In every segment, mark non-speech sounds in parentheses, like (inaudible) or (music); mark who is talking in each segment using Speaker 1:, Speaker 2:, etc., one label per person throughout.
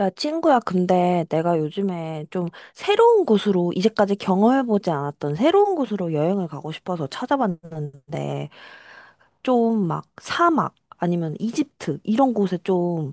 Speaker 1: 야, 친구야, 근데 내가 요즘에 좀 새로운 곳으로, 이제까지 경험해보지 않았던 새로운 곳으로 여행을 가고 싶어서 찾아봤는데, 좀 막 사막, 아니면 이집트, 이런 곳에 좀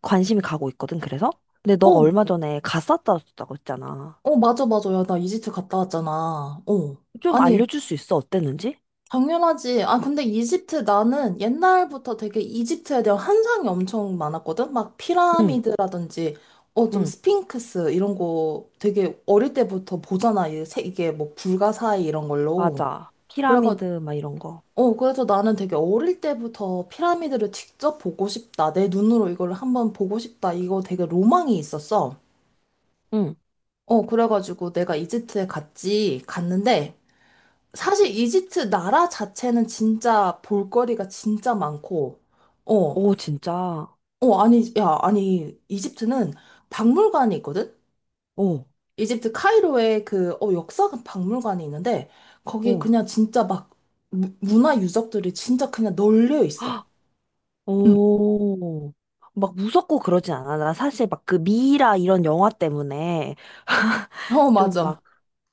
Speaker 1: 관심이 가고 있거든, 그래서? 근데 너가
Speaker 2: 어,
Speaker 1: 얼마 전에 갔었다고 했잖아.
Speaker 2: 맞아, 맞아. 야, 나 이집트 갔다 왔잖아. 어.
Speaker 1: 좀
Speaker 2: 아니,
Speaker 1: 알려줄 수 있어, 어땠는지?
Speaker 2: 당연하지. 아, 근데 이집트 나는 옛날부터 되게 이집트에 대한 환상이 엄청 많았거든? 막
Speaker 1: 응,
Speaker 2: 피라미드라든지, 좀
Speaker 1: 응,
Speaker 2: 스핑크스 이런 거 되게 어릴 때부터 보잖아. 이게 뭐 불가사의 이런 걸로.
Speaker 1: 맞아.
Speaker 2: 그래가,
Speaker 1: 피라미드, 막 이런 거.
Speaker 2: 그래서 나는 되게 어릴 때부터 피라미드를 직접 보고 싶다. 내 눈으로 이걸 한번 보고 싶다. 이거 되게 로망이 있었어.
Speaker 1: 응.
Speaker 2: 그래가지고 내가 이집트에 갔지, 갔는데, 사실 이집트 나라 자체는 진짜 볼거리가 진짜 많고, 어,
Speaker 1: 오, 진짜.
Speaker 2: 아니, 야, 아니, 이집트는 박물관이 있거든?
Speaker 1: 오,
Speaker 2: 이집트 카이로에 그, 역사 박물관이 있는데, 거기
Speaker 1: 오.
Speaker 2: 그냥 진짜 막 문화 유적들이 진짜 그냥 널려 있어.
Speaker 1: 오, 막 무섭고 그러진 않아. 나 사실 막 그 미이라 이런 영화 때문에
Speaker 2: 어,
Speaker 1: 좀
Speaker 2: 맞아.
Speaker 1: 막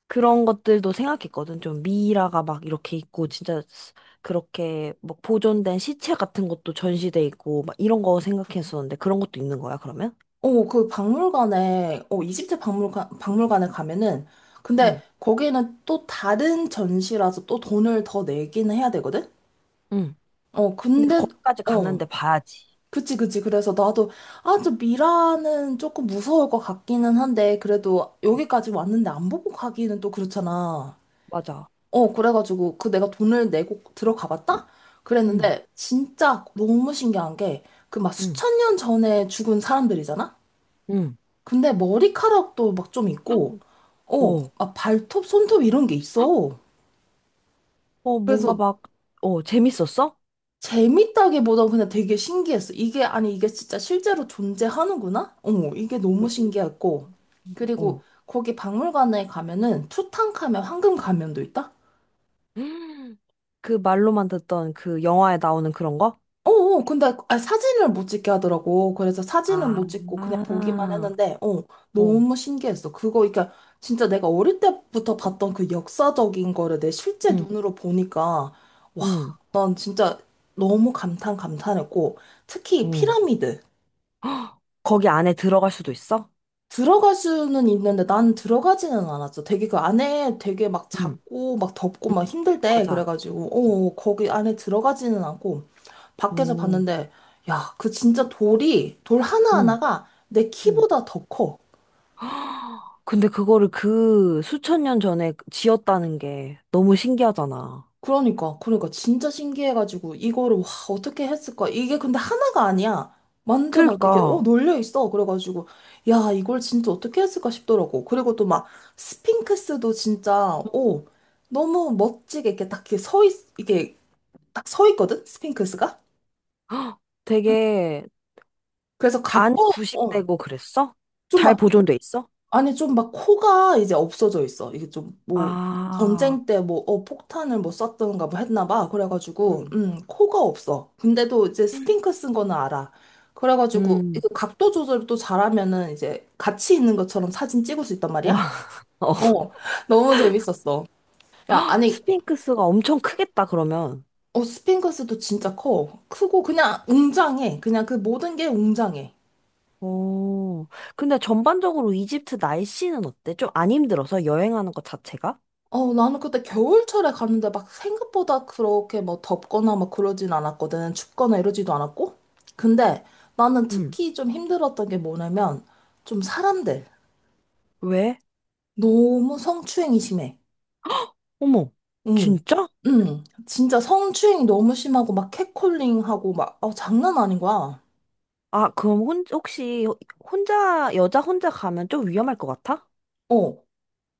Speaker 1: 그런 것들도 생각했거든. 좀 미이라가 막 이렇게 있고 진짜 그렇게 막 보존된 시체 같은 것도 전시돼 있고 막 이런 거 생각했었는데 그런 것도 있는 거야, 그러면?
Speaker 2: 그 박물관에, 이집트 박물관에 가면은, 근데
Speaker 1: 응,
Speaker 2: 거기는 또 다른 전시라서 또 돈을 더 내기는 해야 되거든?
Speaker 1: 응. 근데
Speaker 2: 근데,
Speaker 1: 거기까지
Speaker 2: 어.
Speaker 1: 갔는데 봐야지.
Speaker 2: 그치, 그치. 그래서 나도, 아, 저 미라는 조금 무서울 것 같기는 한데, 그래도
Speaker 1: 응,
Speaker 2: 여기까지 왔는데 안 보고 가기는 또 그렇잖아.
Speaker 1: 맞아.
Speaker 2: 그래가지고, 그 내가 돈을 내고 들어가 봤다?
Speaker 1: 응,
Speaker 2: 그랬는데, 진짜 너무 신기한 게, 그 막
Speaker 1: 응,
Speaker 2: 수천 년 전에 죽은 사람들이잖아?
Speaker 1: 응.
Speaker 2: 근데 머리카락도 막 좀 있고,
Speaker 1: 오,
Speaker 2: 막 발톱, 손톱 이런 게 있어.
Speaker 1: 어, 뭔가
Speaker 2: 그래서
Speaker 1: 막, 어, 재밌었어?
Speaker 2: 재밌다기보다 그냥 되게 신기했어. 이게, 아니, 이게 진짜 실제로 존재하는구나? 이게 너무
Speaker 1: 오,
Speaker 2: 신기했고. 그리고
Speaker 1: 어.
Speaker 2: 거기 박물관에 가면은 투탕카멘 황금 가면도 있다?
Speaker 1: (gasps) 음. 그 말로만 듣던 그 영화에 나오는 그런 거?
Speaker 2: 근데 아, 사진을 못 찍게 하더라고. 그래서 사진은
Speaker 1: 아,
Speaker 2: 못 찍고 그냥 보기만
Speaker 1: 아,
Speaker 2: 했는데,
Speaker 1: 어,
Speaker 2: 너무 신기했어. 그거, 그러니까 진짜 내가 어릴 때부터 봤던 그 역사적인 거를 내 실제
Speaker 1: 응,
Speaker 2: 눈으로 보니까, 와,
Speaker 1: 응,
Speaker 2: 난 진짜 너무 감탄했고,
Speaker 1: 어.
Speaker 2: 특히
Speaker 1: 헉,
Speaker 2: 피라미드.
Speaker 1: (gasps) 거기 안에 들어갈 수도 있어?
Speaker 2: 들어갈 수는 있는데 난 들어가지는 않았어. 되게 그 안에 되게 막
Speaker 1: 응,
Speaker 2: 작고 막 덥고
Speaker 1: 응,
Speaker 2: 막 힘들 때
Speaker 1: 맞아.
Speaker 2: 그래가지고 거기 안에 들어가지는 않고 밖에서
Speaker 1: 오,
Speaker 2: 봤는데 야 그 진짜 돌이 돌
Speaker 1: 응,
Speaker 2: 하나하나가 내
Speaker 1: 응.
Speaker 2: 키보다 더 커.
Speaker 1: (gasps) 헉, 근데 그거를 그 수천 년 전에 지었다는 게 너무 신기하잖아.
Speaker 2: 그러니까 진짜 신기해가지고 이거를 와 어떻게 했을까? 이게 근데 하나가 아니야. 완전 막 이렇게
Speaker 1: 그러니까
Speaker 2: 놀려 있어. 그래가지고 야 이걸 진짜 어떻게 했을까 싶더라고. 그리고 또 막 스핑크스도 진짜
Speaker 1: (gasps) 응.
Speaker 2: 너무 멋지게 이렇게 딱 이렇게 이게 딱 서 있거든 스핑크스가.
Speaker 1: 헉, 되게
Speaker 2: 그래서
Speaker 1: 안
Speaker 2: 각도 어좀
Speaker 1: 부식되고 그랬어? 잘
Speaker 2: 막
Speaker 1: 보존돼 있어?
Speaker 2: 아니, 좀 막 코가 이제 없어져 있어. 이게 좀 뭐,
Speaker 1: 아,
Speaker 2: 전쟁 때 뭐, 폭탄을 뭐 썼던가 뭐 했나 봐. 그래가지고,
Speaker 1: 응,
Speaker 2: 코가 없어. 근데도 이제 스핑크 쓴 거는 알아. 그래가지고,
Speaker 1: 응.
Speaker 2: 이거 각도 조절을 또 잘하면은 이제 같이 있는 것처럼 사진 찍을 수 있단 말이야?
Speaker 1: 와, (laughs)
Speaker 2: 어, 너무 재밌었어. 야, 아니,
Speaker 1: 스핑크스가 엄청 크겠다, 그러면.
Speaker 2: 스핑크스도 진짜 커. 크고 그냥 웅장해. 그냥 그 모든 게 웅장해.
Speaker 1: 오, 근데 전반적으로 이집트 날씨는 어때? 좀 안 힘들어서 여행하는 것 자체가?
Speaker 2: 나는 그때 겨울철에 갔는데 막 생각보다 그렇게 뭐 덥거나 막 그러진 않았거든. 춥거나 이러지도 않았고. 근데 나는
Speaker 1: 응.
Speaker 2: 특히 좀 힘들었던 게 뭐냐면 좀 사람들.
Speaker 1: 왜?
Speaker 2: 너무 성추행이 심해.
Speaker 1: 어머,
Speaker 2: 응.
Speaker 1: 진짜?
Speaker 2: 응. 진짜 성추행이 너무 심하고 막 캣콜링하고 막, 장난 아닌 거야.
Speaker 1: 아, 그럼 혹시 혼자, 여자 혼자 가면 좀 위험할 것 같아?
Speaker 2: 어.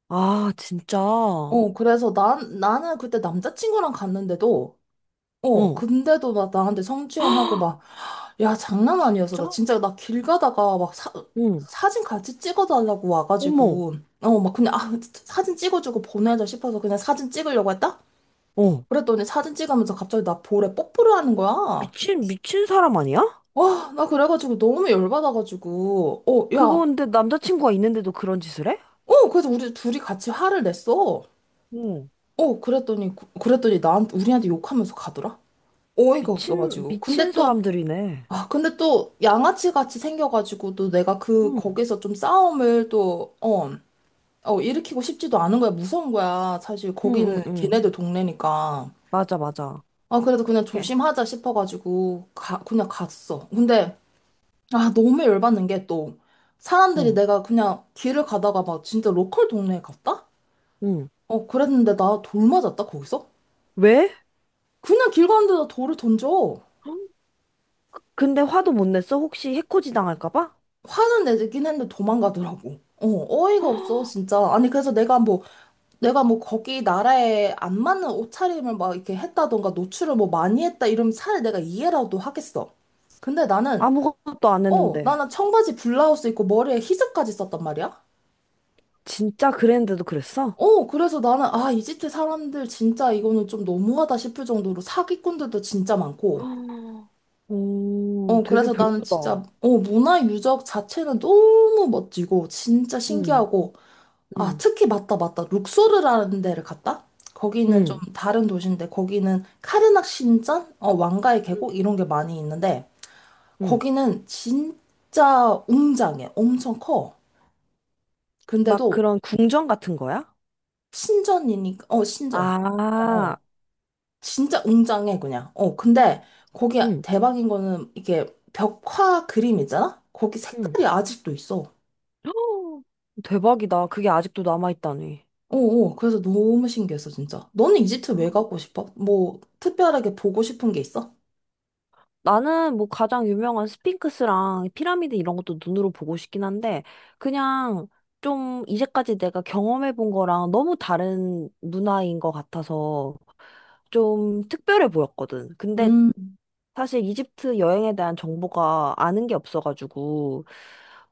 Speaker 1: 아, 진짜? 어.
Speaker 2: 그래서 나는 그때 남자친구랑 갔는데도,
Speaker 1: (gasps)
Speaker 2: 근데도 막 나한테
Speaker 1: 헉,
Speaker 2: 성추행하고 막 야, 장난 아니었어.
Speaker 1: 진짜?
Speaker 2: 나 진짜 나 길 가다가 막 사,
Speaker 1: 응.
Speaker 2: 사진 같이 찍어달라고
Speaker 1: 어머,
Speaker 2: 와가지고 막 그냥 아 사진 찍어주고 보내자 싶어서 그냥 사진 찍으려고 했다?
Speaker 1: 어.
Speaker 2: 그랬더니 사진 찍으면서 갑자기 나 볼에 뽀뽀를 하는 거야.
Speaker 1: 미친 사람 아니야?
Speaker 2: 와, 나 그래가지고 너무 열받아가지고
Speaker 1: 그거
Speaker 2: 야,
Speaker 1: 근데 남자친구가 있는데도 그런 짓을 해?
Speaker 2: 그래서 우리 둘이 같이 화를 냈어.
Speaker 1: 어.
Speaker 2: 그랬더니 나한테 우리한테 욕하면서 가더라. 어이가 없어가지고.
Speaker 1: 미친
Speaker 2: 근데 또
Speaker 1: 사람들이네.
Speaker 2: 아, 근데 또 양아치 같이 생겨가지고 또 내가 그
Speaker 1: 응.
Speaker 2: 거기서 좀 싸움을 또어 일으키고 싶지도 않은 거야. 무서운 거야. 사실 거기는
Speaker 1: 응응응
Speaker 2: 걔네들 동네니까.
Speaker 1: 맞아 맞아
Speaker 2: 아, 그래도 그냥
Speaker 1: 그
Speaker 2: 조심하자 싶어가지고, 그냥 갔어. 근데, 아, 너무 열받는 게 또, 사람들이
Speaker 1: 응.
Speaker 2: 내가 그냥 길을 가다가 막 진짜 로컬 동네에 갔다?
Speaker 1: 응.
Speaker 2: 그랬는데 나 돌 맞았다, 거기서?
Speaker 1: 왜?
Speaker 2: 그냥 길 가는데 나 돌을 던져.
Speaker 1: 헉, 근데 화도 못 냈어? 혹시 해코지 당할까 봐?
Speaker 2: 화는 내긴 했는데 도망가더라고. 어이가
Speaker 1: 헉,
Speaker 2: 없어, 진짜. 아니, 그래서 내가 뭐 거기 나라에 안 맞는 옷차림을 막 이렇게 했다던가 노출을 뭐 많이 했다 이러면 차라리 내가 이해라도 하겠어. 근데 나는,
Speaker 1: 아무것도 안
Speaker 2: 어,
Speaker 1: 했는데
Speaker 2: 나는 청바지 블라우스 입고 머리에 히즈까지 썼단 말이야?
Speaker 1: 진짜 그랬는데도 그랬어?
Speaker 2: 그래서 나는, 아, 이집트 사람들 진짜 이거는 좀 너무하다 싶을 정도로 사기꾼들도 진짜 많고,
Speaker 1: 헉, 오 되게
Speaker 2: 그래서 나는
Speaker 1: 별로다
Speaker 2: 진짜, 문화 유적 자체는 너무 멋지고, 진짜
Speaker 1: 응
Speaker 2: 신기하고,
Speaker 1: 응
Speaker 2: 아, 특히 맞다, 맞다. 룩소르라는 데를 갔다?
Speaker 1: 응
Speaker 2: 거기는 좀 다른 도시인데, 거기는 카르낙 신전? 왕가의
Speaker 1: 응
Speaker 2: 계곡? 이런 게 많이 있는데,
Speaker 1: 응.
Speaker 2: 거기는 진짜 웅장해. 엄청 커.
Speaker 1: 막
Speaker 2: 근데도
Speaker 1: 그런 궁전 같은 거야?
Speaker 2: 신전이니까, 신전. 어,
Speaker 1: 아,
Speaker 2: 어. 진짜 웅장해, 그냥. 근데 거기
Speaker 1: 응,
Speaker 2: 대박인 거는 이게 벽화 그림 있잖아? 거기
Speaker 1: 응.
Speaker 2: 색깔이 아직도 있어.
Speaker 1: 헉, 대박이다. 그게 아직도 남아있다니.
Speaker 2: 그래서 너무 신기했어, 진짜. 너는 이집트 왜 가고 싶어? 뭐, 특별하게 보고 싶은 게 있어?
Speaker 1: 나는 뭐 가장 유명한 스핑크스랑 피라미드 이런 것도 눈으로 보고 싶긴 한데, 그냥 좀 이제까지 내가 경험해 본 거랑 너무 다른 문화인 것 같아서 좀 특별해 보였거든. 근데
Speaker 2: 음,
Speaker 1: 사실 이집트 여행에 대한 정보가 아는 게 없어가지고,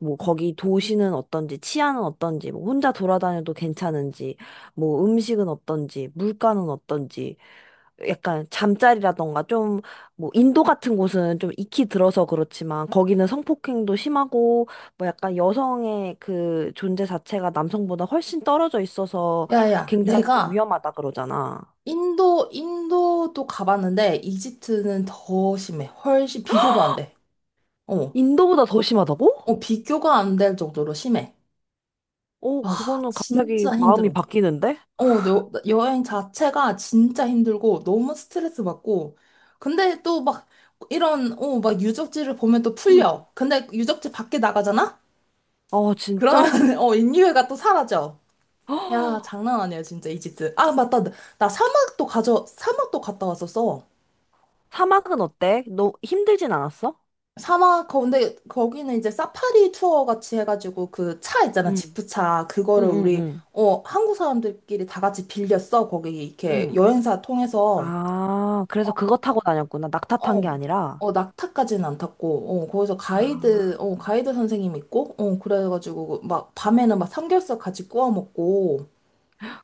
Speaker 1: 뭐 거기 도시는 어떤지, 치안은 어떤지, 뭐 혼자 돌아다녀도 괜찮은지, 뭐 음식은 어떤지, 물가는 어떤지, 약간 잠자리라던가 좀 뭐 인도 같은 곳은 좀 익히 들어서 그렇지만 거기는 성폭행도 심하고 뭐 약간 여성의 그 존재 자체가 남성보다 훨씬 떨어져 있어서
Speaker 2: 야야,
Speaker 1: 굉장히 좀
Speaker 2: 내가
Speaker 1: 위험하다 그러잖아.
Speaker 2: 인도도 가봤는데, 이집트는 더 심해. 훨씬, 비교도 안 돼. 어,
Speaker 1: 인도보다 더 심하다고?
Speaker 2: 비교가 안 될 정도로 심해.
Speaker 1: 어,
Speaker 2: 아,
Speaker 1: 그거는 갑자기
Speaker 2: 진짜
Speaker 1: 마음이
Speaker 2: 힘들어.
Speaker 1: 바뀌는데?
Speaker 2: 여행 자체가 진짜 힘들고, 너무 스트레스 받고, 근데 또 막, 이런, 막 유적지를 보면 또
Speaker 1: 응,
Speaker 2: 풀려. 근데 유적지 밖에 나가잖아?
Speaker 1: 어,
Speaker 2: 그러면,
Speaker 1: 진짜?
Speaker 2: (laughs) 인류애가 또 사라져.
Speaker 1: (gasps) 헉,
Speaker 2: 야, 장난 아니야, 진짜, 이집트. 아, 맞다. 나 사막도 갔다 왔었어.
Speaker 1: 사막은 어때? 너 힘들진 않았어?
Speaker 2: 사막 근데 거기는 이제 사파리 투어 같이 해가지고 그 차 있잖아.
Speaker 1: 응,
Speaker 2: 지프차 그거를
Speaker 1: 응, 응,
Speaker 2: 우리
Speaker 1: 응.
Speaker 2: 한국 사람들끼리 다 같이 빌렸어. 거기 이렇게
Speaker 1: 응.
Speaker 2: 여행사 통해서.
Speaker 1: 아, 그래서 그거 타고 다녔구나. 낙타 탄
Speaker 2: 어,
Speaker 1: 게 아니라.
Speaker 2: 낙타까지는 안 탔고 거기서
Speaker 1: 아.
Speaker 2: 가이드 선생님 있고 그래가지고 그 막 밤에는 막 삼겹살 같이 구워 먹고.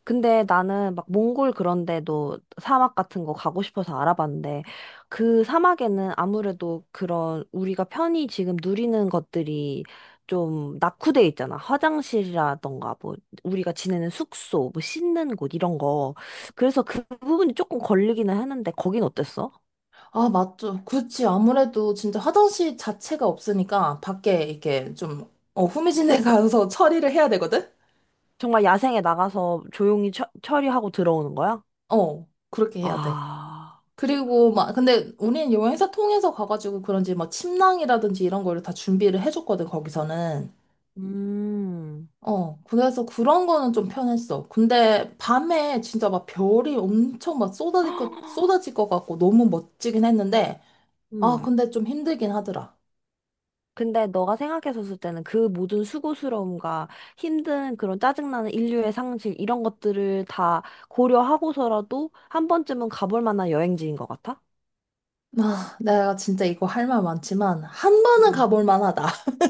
Speaker 1: 근데 나는 막 몽골 그런 데도 사막 같은 거 가고 싶어서 알아봤는데 그 사막에는 아무래도 그런 우리가 편히 지금 누리는 것들이 좀 낙후돼 있잖아. 화장실이라던가 뭐 우리가 지내는 숙소, 뭐 씻는 곳 이런 거. 그래서 그 부분이 조금 걸리기는 했는데 거긴 어땠어?
Speaker 2: 아 맞죠. 그렇지. 아무래도 진짜 화장실 자체가 없으니까 밖에 이렇게 좀 후미진에 (laughs)
Speaker 1: 저-
Speaker 2: 가서 처리를 해야 되거든.
Speaker 1: 정말 야생에 나가서 조용히 처리하고 들어오는 거야?
Speaker 2: 그렇게 해야 돼.
Speaker 1: 아.
Speaker 2: 그리고 막 근데 우리는 여행사 통해서 가가지고 그런지 막 침낭이라든지 이런 거를 다 준비를 해줬거든 거기서는.
Speaker 1: 음.
Speaker 2: 그래서 그런 거는 좀 편했어. 근데 밤에 진짜 막 별이 엄청 막 쏟아질 것
Speaker 1: (gasps)
Speaker 2: 쏟아질 것 같고 너무 멋지긴 했는데. 아,
Speaker 1: 음.
Speaker 2: 근데 좀 힘들긴 하더라.
Speaker 1: 근데 너가 생각했었을 때는 그 모든 수고스러움과 힘든 그런 짜증나는 인류의 상실 이런 것들을 다 고려하고서라도 한 번쯤은 가볼 만한 여행지인 것 같아?
Speaker 2: 아, 내가 진짜 이거 할 말 많지만 한 번은
Speaker 1: 음.
Speaker 2: 가볼 만하다. (laughs)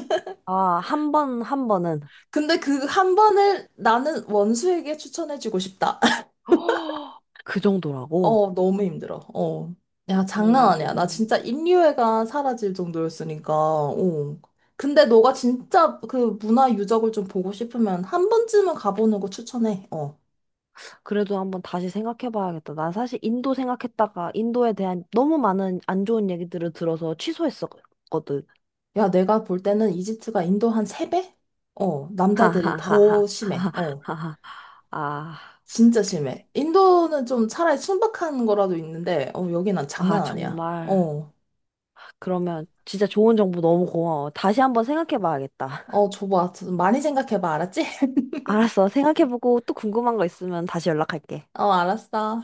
Speaker 1: 아, 한 번은
Speaker 2: 근데 그 한 번을 나는 원수에게 추천해주고 싶다.
Speaker 1: (gasps) 헉! 그 정도라고.
Speaker 2: 너무 힘들어. 어. 야, 장난 아니야. 나
Speaker 1: 음.
Speaker 2: 진짜 인류애가 사라질 정도였으니까. 어. 근데 너가 진짜 그 문화 유적을 좀 보고 싶으면 한 번쯤은 가보는 거 추천해. 어.
Speaker 1: 그래도 한번 다시 생각해봐야겠다. 난 사실 인도 생각했다가 인도에 대한 너무 많은 안 좋은 얘기들을 들어서 취소했었거든.
Speaker 2: 야, 내가 볼 때는 이집트가 인도 한 세배
Speaker 1: (laughs)
Speaker 2: 남자들이
Speaker 1: 하하하하.
Speaker 2: 더 심해. 어.
Speaker 1: 하하하하. 아,
Speaker 2: 진짜
Speaker 1: 그래.
Speaker 2: 심해. 인도는 좀 차라리 순박한 거라도 있는데, 여기 난
Speaker 1: 아,
Speaker 2: 장난 아니야.
Speaker 1: 정말.
Speaker 2: 어.
Speaker 1: 그러면 진짜 좋은 정보 너무 고마워. 다시 한번 생각해 봐야겠다. (laughs)
Speaker 2: 어, 줘봐. 좀 많이 생각해봐. 알았지?
Speaker 1: 알았어. 생각해 보고 또 궁금한 거 있으면 다시 연락할게.
Speaker 2: (laughs) 어, 알았어.